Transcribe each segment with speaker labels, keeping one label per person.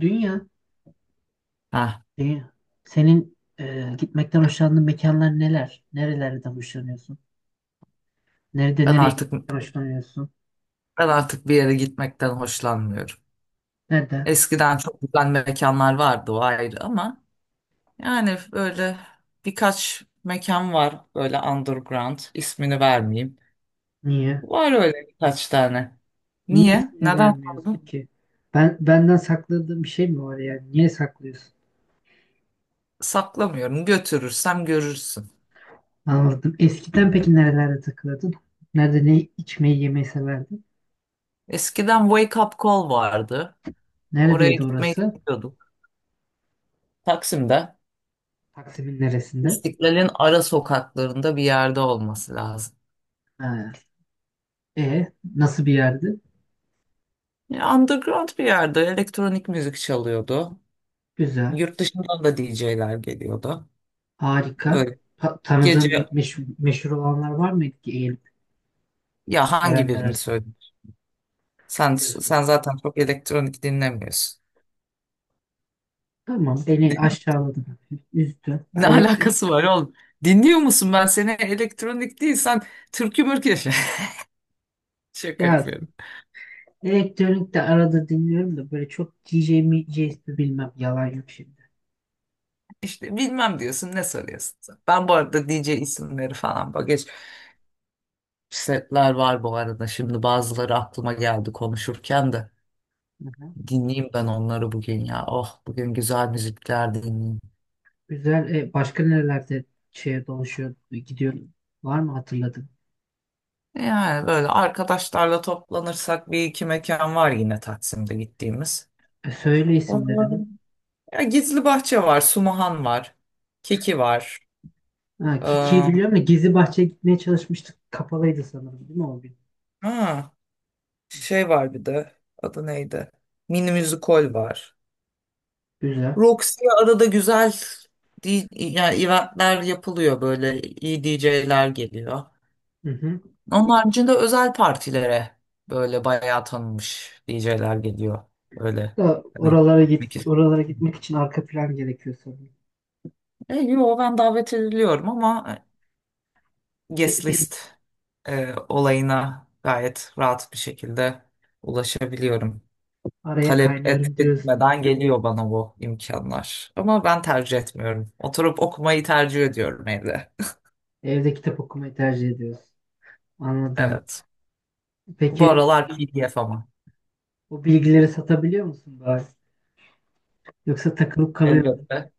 Speaker 1: Dünya,
Speaker 2: Ha,
Speaker 1: dünya. Senin gitmekten hoşlandığın mekanlar neler? Nerelerden hoşlanıyorsun? Nerede
Speaker 2: ben
Speaker 1: nereye
Speaker 2: artık
Speaker 1: gitmekten hoşlanıyorsun?
Speaker 2: ben artık bir yere gitmekten hoşlanmıyorum.
Speaker 1: Nerede?
Speaker 2: Eskiden çok güzel mekanlar vardı, o ayrı, ama yani böyle birkaç mekan var, böyle underground, ismini vermeyeyim.
Speaker 1: Niye?
Speaker 2: Var öyle birkaç tane.
Speaker 1: Niye
Speaker 2: Niye?
Speaker 1: ismini
Speaker 2: Neden
Speaker 1: vermiyorsun
Speaker 2: sordun?
Speaker 1: ki? Ben benden sakladığın bir şey mi var yani? Niye saklıyorsun?
Speaker 2: Saklamıyorum. Götürürsem görürsün.
Speaker 1: Anladım. Eskiden peki nerelerde takılırdın? Nerede ne içmeyi yemeyi severdin?
Speaker 2: Eskiden Wake Up Call vardı. Oraya
Speaker 1: Neredeydi
Speaker 2: gitmeyi
Speaker 1: orası?
Speaker 2: istiyorduk. Taksim'de,
Speaker 1: Taksim'in neresinde?
Speaker 2: İstiklal'in ara sokaklarında bir yerde olması lazım.
Speaker 1: Ha. E nasıl bir yerdi?
Speaker 2: Ya, Underground bir yerde elektronik müzik çalıyordu.
Speaker 1: Güzel.
Speaker 2: Yurt dışından da DJ'ler geliyordu.
Speaker 1: Harika.
Speaker 2: Böyle
Speaker 1: Tanıdığın
Speaker 2: gece,
Speaker 1: bir meşhur olanlar var mıydı ki
Speaker 2: ya hangi
Speaker 1: Gelenler
Speaker 2: birini
Speaker 1: arasında
Speaker 2: söyleyeyim? Sen
Speaker 1: diyorsun.
Speaker 2: sen zaten çok elektronik dinlemiyorsun.
Speaker 1: Tamam beni
Speaker 2: Dinliyor-
Speaker 1: aşağıladı. Üzdü. Ha,
Speaker 2: ne alakası var oğlum? Dinliyor musun? Ben seni elektronik değil, sen türkü mürkü yaşa. Şaka
Speaker 1: Ya
Speaker 2: yapıyorum.
Speaker 1: elektronik de arada dinliyorum da böyle çok DJ mi JS bilmem yalan yok şimdi.
Speaker 2: İşte bilmem diyorsun, ne soruyorsun sen? Ben bu arada DJ isimleri falan, bak, geç. Setler var bu arada, şimdi bazıları aklıma geldi konuşurken de.
Speaker 1: Hı-hı.
Speaker 2: Dinleyeyim ben onları bugün ya. Oh, bugün güzel müzikler dinleyeyim.
Speaker 1: Güzel. Başka nerelerde şeye dolaşıyor gidiyorum. Var mı hatırladın?
Speaker 2: Yani böyle arkadaşlarla toplanırsak bir iki mekan var yine Taksim'de gittiğimiz.
Speaker 1: Söyle isimlerini.
Speaker 2: Onların- ya Gizli Bahçe var, Sumahan var, Kiki var.
Speaker 1: Ha, Kiki'yi
Speaker 2: Ee,
Speaker 1: biliyorum da Gizli Bahçe'ye gitmeye çalışmıştık. Kapalıydı sanırım değil mi o gün?
Speaker 2: ha,
Speaker 1: Hı hı.
Speaker 2: şey var bir de, adı neydi? Mini Müzikol var.
Speaker 1: Güzel.
Speaker 2: Roxy'ye arada güzel di- yani eventler yapılıyor, böyle iyi DJ'ler geliyor.
Speaker 1: Hı hı.
Speaker 2: Onun haricinde özel partilere böyle bayağı tanınmış DJ'ler geliyor. Öyle,
Speaker 1: Da
Speaker 2: hani,
Speaker 1: oralara git,
Speaker 2: peki.
Speaker 1: oralara gitmek için arka plan gerekiyor sanırım.
Speaker 2: E, yo, ben davet ediliyorum ama
Speaker 1: Be-
Speaker 2: guest
Speaker 1: be-
Speaker 2: list olayına gayet rahat bir şekilde ulaşabiliyorum.
Speaker 1: Araya
Speaker 2: Talep et
Speaker 1: kaynıyorum diyorsun.
Speaker 2: etmeden geliyor bana bu imkanlar. Ama ben tercih etmiyorum. Oturup okumayı tercih ediyorum evde.
Speaker 1: Evde kitap okumayı tercih ediyorsun. Anladım.
Speaker 2: Evet. Bu
Speaker 1: Peki
Speaker 2: aralar PDF ama.
Speaker 1: o bilgileri satabiliyor musun bari? Yoksa takılıp kalıyor musun?
Speaker 2: Elbette.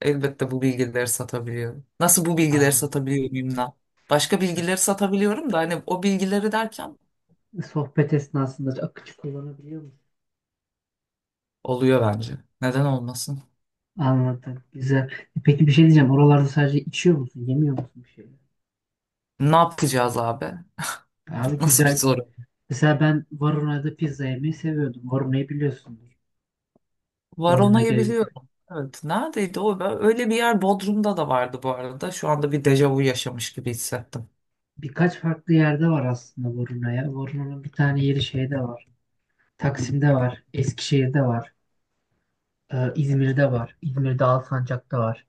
Speaker 2: Elbette bu bilgileri satabiliyorum. Nasıl bu bilgileri
Speaker 1: Aa,
Speaker 2: satabiliyorum bilmem. Başka bilgileri satabiliyorum da, hani o bilgileri derken
Speaker 1: sohbet esnasında akıcı kullanabiliyor musun?
Speaker 2: oluyor bence. Neden olmasın?
Speaker 1: Anladım. Güzel. Peki bir şey diyeceğim. Oralarda sadece içiyor musun? Yemiyor musun bir şeyler?
Speaker 2: Ne yapacağız abi?
Speaker 1: Abi
Speaker 2: Nasıl bir
Speaker 1: güzel.
Speaker 2: soru?
Speaker 1: Mesela ben Varuna'da pizza yemeyi seviyordum. Varuna'yı biliyorsundur. Varuna
Speaker 2: Varona'yı
Speaker 1: gezgin.
Speaker 2: biliyorum. Evet. Neredeydi o? Ben- öyle bir yer Bodrum'da da vardı bu arada. Şu anda bir dejavu yaşamış gibi hissettim.
Speaker 1: Birkaç farklı yerde var aslında Varuna'ya. Varuna'nın bir tane yeri şeyde var. Taksim'de var. Eskişehir'de var. İzmir'de var. İzmir'de Alsancak'ta var.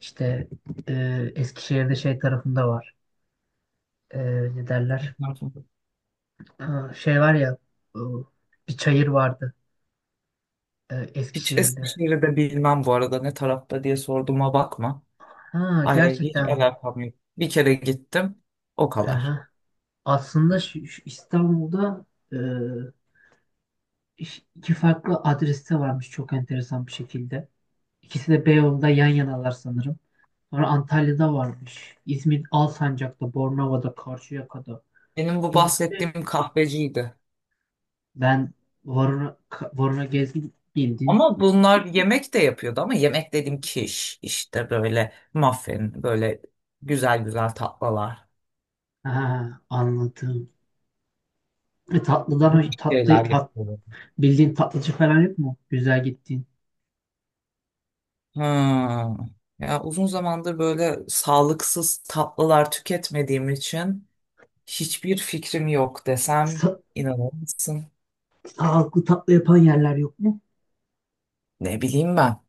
Speaker 1: İşte Eskişehir'de şey tarafında var. E, ne derler? Aa, şey var ya e, bir çayır vardı
Speaker 2: Hiç
Speaker 1: Eskişehir'de.
Speaker 2: Eskişehir'i de bilmem bu arada, ne tarafta diye sorduğuma bakma.
Speaker 1: Ha,
Speaker 2: Ay, hiç
Speaker 1: gerçekten mi?
Speaker 2: alakam yok. Bir kere gittim. O kadar.
Speaker 1: Aha. Aslında şu İstanbul'da e, iki farklı adreste varmış çok enteresan bir şekilde. İkisi de Beyoğlu'nda yan yanalar sanırım. Sonra Antalya'da varmış. İzmir Alsancak'ta, Bornova'da, Karşıyaka'da.
Speaker 2: Benim bu
Speaker 1: İzmir'de.
Speaker 2: bahsettiğim kahveciydi.
Speaker 1: Ben Varuna gezdim bildin.
Speaker 2: Ama bunlar yemek de yapıyordu, ama yemek dediğim kiş işte, böyle muffin, böyle güzel güzel tatlılar,
Speaker 1: Ha, anladım. E,
Speaker 2: bu
Speaker 1: tatlıdan tatlı
Speaker 2: şeyler
Speaker 1: tat,
Speaker 2: yapıyordu.
Speaker 1: bildiğin tatlıcı falan yok mu? Güzel gittiğin.
Speaker 2: Hmm. Ya uzun zamandır böyle sağlıksız tatlılar tüketmediğim için hiçbir fikrim yok desem
Speaker 1: Sa-
Speaker 2: inanır mısın?
Speaker 1: sağlıklı tatlı yapan yerler yok mu?
Speaker 2: Ne bileyim ben.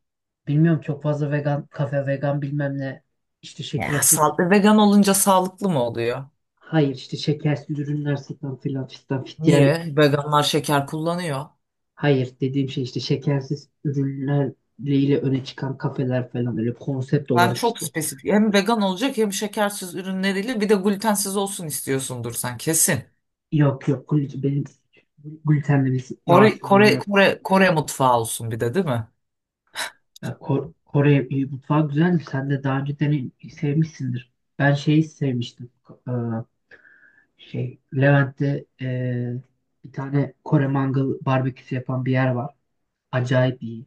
Speaker 1: Bilmiyorum çok fazla vegan kafe vegan bilmem ne. İşte
Speaker 2: Ya
Speaker 1: şekersiz.
Speaker 2: sağlıklı vegan olunca sağlıklı mı oluyor?
Speaker 1: Hayır işte şekersiz ürünler satan filan fistan fit.
Speaker 2: Niye? Veganlar şeker kullanıyor.
Speaker 1: Hayır dediğim şey işte şekersiz ürünlerle öne çıkan kafeler falan öyle konsept
Speaker 2: Ben
Speaker 1: olarak
Speaker 2: çok
Speaker 1: işte.
Speaker 2: spesifik. Hem vegan olacak, hem şekersiz ürünleriyle, bir de glutensiz olsun istiyorsundur sen kesin.
Speaker 1: Yok yok benim glutenle bir
Speaker 2: Kore,
Speaker 1: rahatsızlığım
Speaker 2: Kore,
Speaker 1: yok.
Speaker 2: Kore, Kore mutfağı olsun bir de değil mi?
Speaker 1: Ya Kore mutfağı güzel. Sen de daha önce dene sevmişsindir. Ben şeyi sevmiştim. Ee, şey Levent'te bir tane Kore mangal barbeküsü yapan bir yer var. Acayip iyi.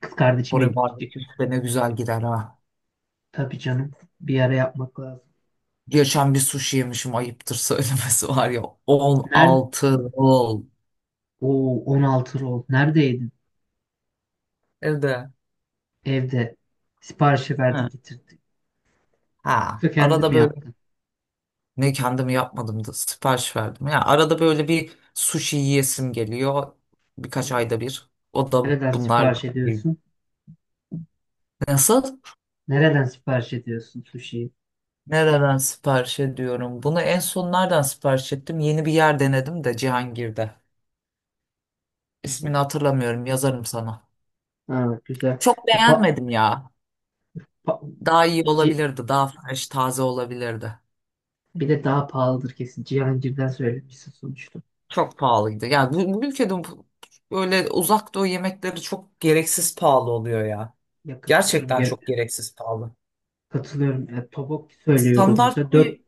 Speaker 1: Kız kardeşimle
Speaker 2: Kore
Speaker 1: gitmiştik.
Speaker 2: barbeküsü de ne güzel gider ha.
Speaker 1: Tabii canım. Bir ara yapmak lazım.
Speaker 2: Geçen bir sushi yemişim, ayıptır söylemesi, var ya.
Speaker 1: Nerede?
Speaker 2: 16 rol.
Speaker 1: O 16 rol. Nerede yedin?
Speaker 2: Evde.
Speaker 1: Evde. Siparişi verdin
Speaker 2: Ha.
Speaker 1: getirdin.
Speaker 2: Ha.
Speaker 1: Yoksa kendin
Speaker 2: Arada
Speaker 1: mi
Speaker 2: böyle,
Speaker 1: yaptın?
Speaker 2: ne kendimi yapmadım da sipariş verdim. Ya arada böyle bir sushi yiyesim geliyor. Birkaç
Speaker 1: Hı.
Speaker 2: ayda bir. O da
Speaker 1: Nereden
Speaker 2: bunlar.
Speaker 1: sipariş ediyorsun?
Speaker 2: Nasıl?
Speaker 1: Nereden sipariş ediyorsun sushi'yi?
Speaker 2: Nereden sipariş ediyorum? Bunu en son nereden sipariş ettim? Yeni bir yer denedim de Cihangir'de.
Speaker 1: Hı hı.
Speaker 2: İsmini hatırlamıyorum, yazarım sana.
Speaker 1: Ha, güzel.
Speaker 2: Çok
Speaker 1: E, pa-
Speaker 2: beğenmedim ya.
Speaker 1: Pa-
Speaker 2: Daha iyi
Speaker 1: Ci-
Speaker 2: olabilirdi, daha fresh, taze olabilirdi.
Speaker 1: bir de daha pahalıdır kesin. Cihangir'den söylemişsin sonuçta.
Speaker 2: Çok pahalıydı. Yani bu ülkede bu- böyle uzak doğu yemekleri çok gereksiz pahalı oluyor ya.
Speaker 1: Ya katılıyorum.
Speaker 2: Gerçekten
Speaker 1: Gene.
Speaker 2: çok gereksiz pahalı.
Speaker 1: Katılıyorum. Ya tobok söylüyoruz
Speaker 2: Standart
Speaker 1: mesela. Dört,
Speaker 2: bir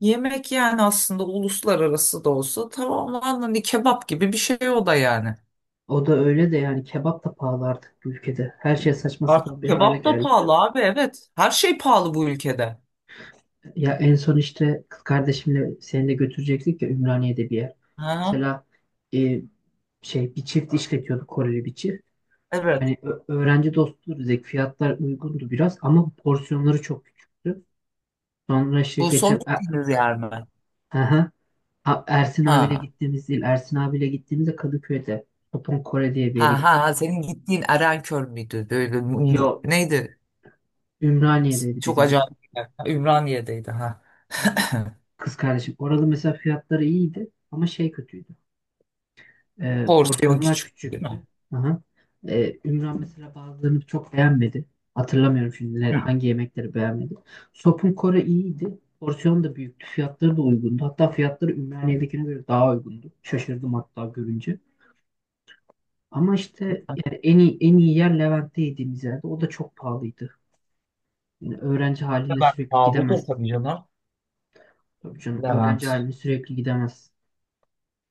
Speaker 2: yemek yani, aslında uluslararası da olsa, tamamen hani kebap gibi bir şey o da yani.
Speaker 1: o da öyle de yani kebap da pahalı artık bu ülkede. Her şey saçma sapan
Speaker 2: Artık
Speaker 1: bir hale
Speaker 2: kebap da
Speaker 1: geldi.
Speaker 2: pahalı abi, evet. Her şey pahalı bu ülkede.
Speaker 1: Ya en son işte kız kardeşimle seni de götürecektik ya Ümraniye'de bir yer.
Speaker 2: Ha,
Speaker 1: Mesela e, şey bir çift işletiyordu Koreli bir çift.
Speaker 2: evet.
Speaker 1: Hani öğrenci dostu dedik. Fiyatlar uygundu biraz ama porsiyonları çok küçüktü. Sonra işte
Speaker 2: Bu son
Speaker 1: geçen
Speaker 2: gittiğiniz yer mi?
Speaker 1: Aha. Ersin abiyle
Speaker 2: Ha.
Speaker 1: gittiğimiz değil. Ersin abiyle gittiğimizde Kadıköy'de. Topun Kore diye bir yere
Speaker 2: Ha ha
Speaker 1: gittik.
Speaker 2: ha. Senin gittiğin Erenköy müydü? Böyle m- m-
Speaker 1: Yo,
Speaker 2: neydi? S-
Speaker 1: Ümraniye'deydi
Speaker 2: çok
Speaker 1: bizim
Speaker 2: acayip
Speaker 1: gittiğimiz.
Speaker 2: bir yer. Ha, Ümraniye'deydi ha.
Speaker 1: Aha. Kız kardeşim. Orada mesela fiyatları iyiydi ama şey kötüydü. Ee,
Speaker 2: Porsiyon
Speaker 1: porsiyonlar
Speaker 2: küçük değil mi?
Speaker 1: küçüktü. Aha. Ümran mesela bazılarını çok beğenmedi. Hatırlamıyorum şimdi
Speaker 2: Hı.
Speaker 1: hangi yemekleri beğenmedi. Sopun Kore iyiydi. Porsiyon da büyüktü. Fiyatları da uygundu. Hatta fiyatları Ümraniye'dekine göre daha uygundu. Şaşırdım hatta görünce. Ama işte yani en iyi yer Levent'te yediğimiz yerde. O da çok pahalıydı. Yani öğrenci
Speaker 2: Ne
Speaker 1: haline sürekli
Speaker 2: pahalıdır
Speaker 1: gidemezsin.
Speaker 2: tabii canım.
Speaker 1: Tabii canım öğrenci
Speaker 2: Levent.
Speaker 1: haline sürekli gidemezsin.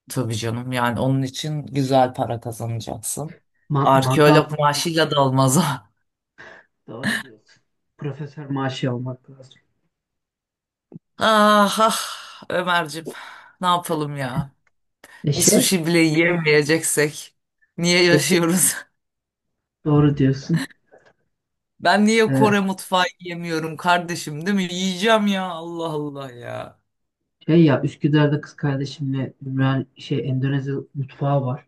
Speaker 2: Tabii canım, yani onun için güzel para kazanacaksın.
Speaker 1: Mangal
Speaker 2: Arkeolog maaşıyla da olmaz o.
Speaker 1: doğru diyorsun. Profesör maaşı almak lazım.
Speaker 2: Ah ah, Ömerciğim, ne yapalım ya?
Speaker 1: E
Speaker 2: Bir
Speaker 1: şey
Speaker 2: sushi bile yiyemeyeceksek niye
Speaker 1: yak-
Speaker 2: yaşıyoruz?
Speaker 1: doğru diyorsun.
Speaker 2: Ben niye
Speaker 1: E,
Speaker 2: Kore mutfağı yiyemiyorum kardeşim değil mi? Yiyeceğim ya, Allah Allah ya.
Speaker 1: şey ya Üsküdar'da kız kardeşimle Ümran şey Endonezya mutfağı var.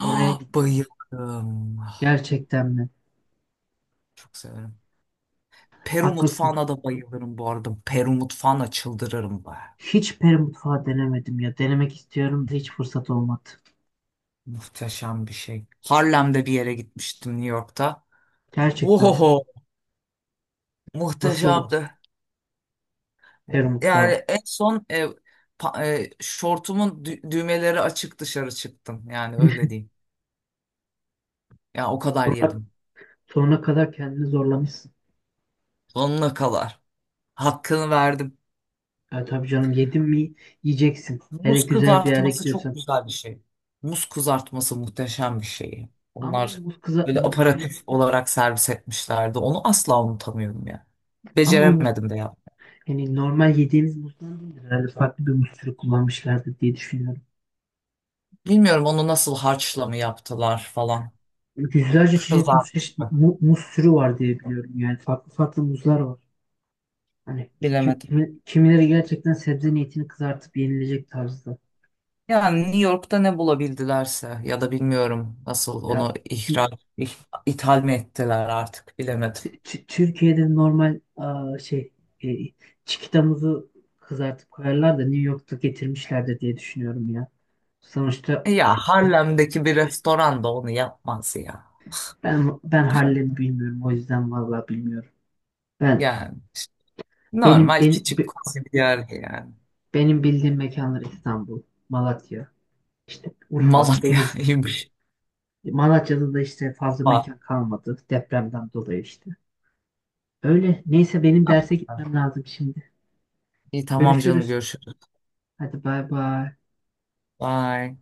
Speaker 1: Oraya gittik.
Speaker 2: bayılırım. Ah,
Speaker 1: Gerçekten mi?
Speaker 2: çok severim. Peru
Speaker 1: Haklısın.
Speaker 2: mutfağına da bayılırım bu arada. Peru mutfağına çıldırırım be.
Speaker 1: Hiç peri mutfağı denemedim ya. Denemek istiyorum da hiç fırsat olmadı.
Speaker 2: Muhteşem bir şey. Harlem'de bir yere gitmiştim, New York'ta.
Speaker 1: Gerçekten mi?
Speaker 2: Ohoho,
Speaker 1: Nasıl
Speaker 2: muhteşemdi.
Speaker 1: peri
Speaker 2: Yani
Speaker 1: mutfağı?
Speaker 2: en son pa- şortumun dü- düğmeleri açık dışarı çıktım. Yani öyle diyeyim. Ya o kadar
Speaker 1: Sonra,
Speaker 2: yedim.
Speaker 1: sonra kadar kendini zorlamışsın.
Speaker 2: Sonuna kadar. Hakkını verdim.
Speaker 1: Ya tabii canım yedin mi yiyeceksin. Hele
Speaker 2: Muz
Speaker 1: güzel bir yere
Speaker 2: kızartması çok
Speaker 1: gidiyorsan.
Speaker 2: güzel bir şey. Muz kızartması muhteşem bir şey.
Speaker 1: Ama o
Speaker 2: Onlar
Speaker 1: muz kıza
Speaker 2: böyle
Speaker 1: muz, muz
Speaker 2: aparatif olarak servis etmişlerdi. Onu asla unutamıyorum ya.
Speaker 1: ama o muz
Speaker 2: Beceremedim de ya.
Speaker 1: hani normal yediğimiz muzdan değildir. Herhalde farklı bir muz türü kullanmışlardır diye düşünüyorum.
Speaker 2: Bilmiyorum onu nasıl, harçla mı yaptılar falan.
Speaker 1: Yüzlerce çeşit muz,
Speaker 2: Kızarmış
Speaker 1: çeşit,
Speaker 2: mı?
Speaker 1: mu- muz türü var diye biliyorum. Yani farklı farklı muzlar var. Hani kim,
Speaker 2: Bilemedim.
Speaker 1: kimi- kimileri gerçekten sebze niyetini kızartıp yenilecek tarzda.
Speaker 2: Yani New York'ta ne bulabildilerse ya da, bilmiyorum nasıl
Speaker 1: Ya
Speaker 2: onu ihraç, ih- ithal mi ettiler, artık bilemedim.
Speaker 1: Türkiye'de normal e, çikitamızı kızartıp koyarlar da New York'ta getirmişlerdir diye düşünüyorum ya. Sonuçta
Speaker 2: E ya, Harlem'deki bir restoran da onu yapmaz ya.
Speaker 1: ben Harlem'i bilmiyorum o yüzden vallahi bilmiyorum. Ben
Speaker 2: Yani işte
Speaker 1: benim
Speaker 2: normal
Speaker 1: benim
Speaker 2: küçük
Speaker 1: be-
Speaker 2: koca bir yer yani.
Speaker 1: benim bildiğim mekanlar İstanbul, Malatya, işte Urfa, Denizli.
Speaker 2: Malatya'ymış.
Speaker 1: Malatya'da da işte fazla
Speaker 2: Aa,
Speaker 1: mekan kalmadı depremden dolayı işte. Öyle. Neyse benim derse gitmem lazım şimdi.
Speaker 2: İyi tamam canım,
Speaker 1: Görüşürüz.
Speaker 2: görüşürüz.
Speaker 1: Hadi bay bay.
Speaker 2: Bye.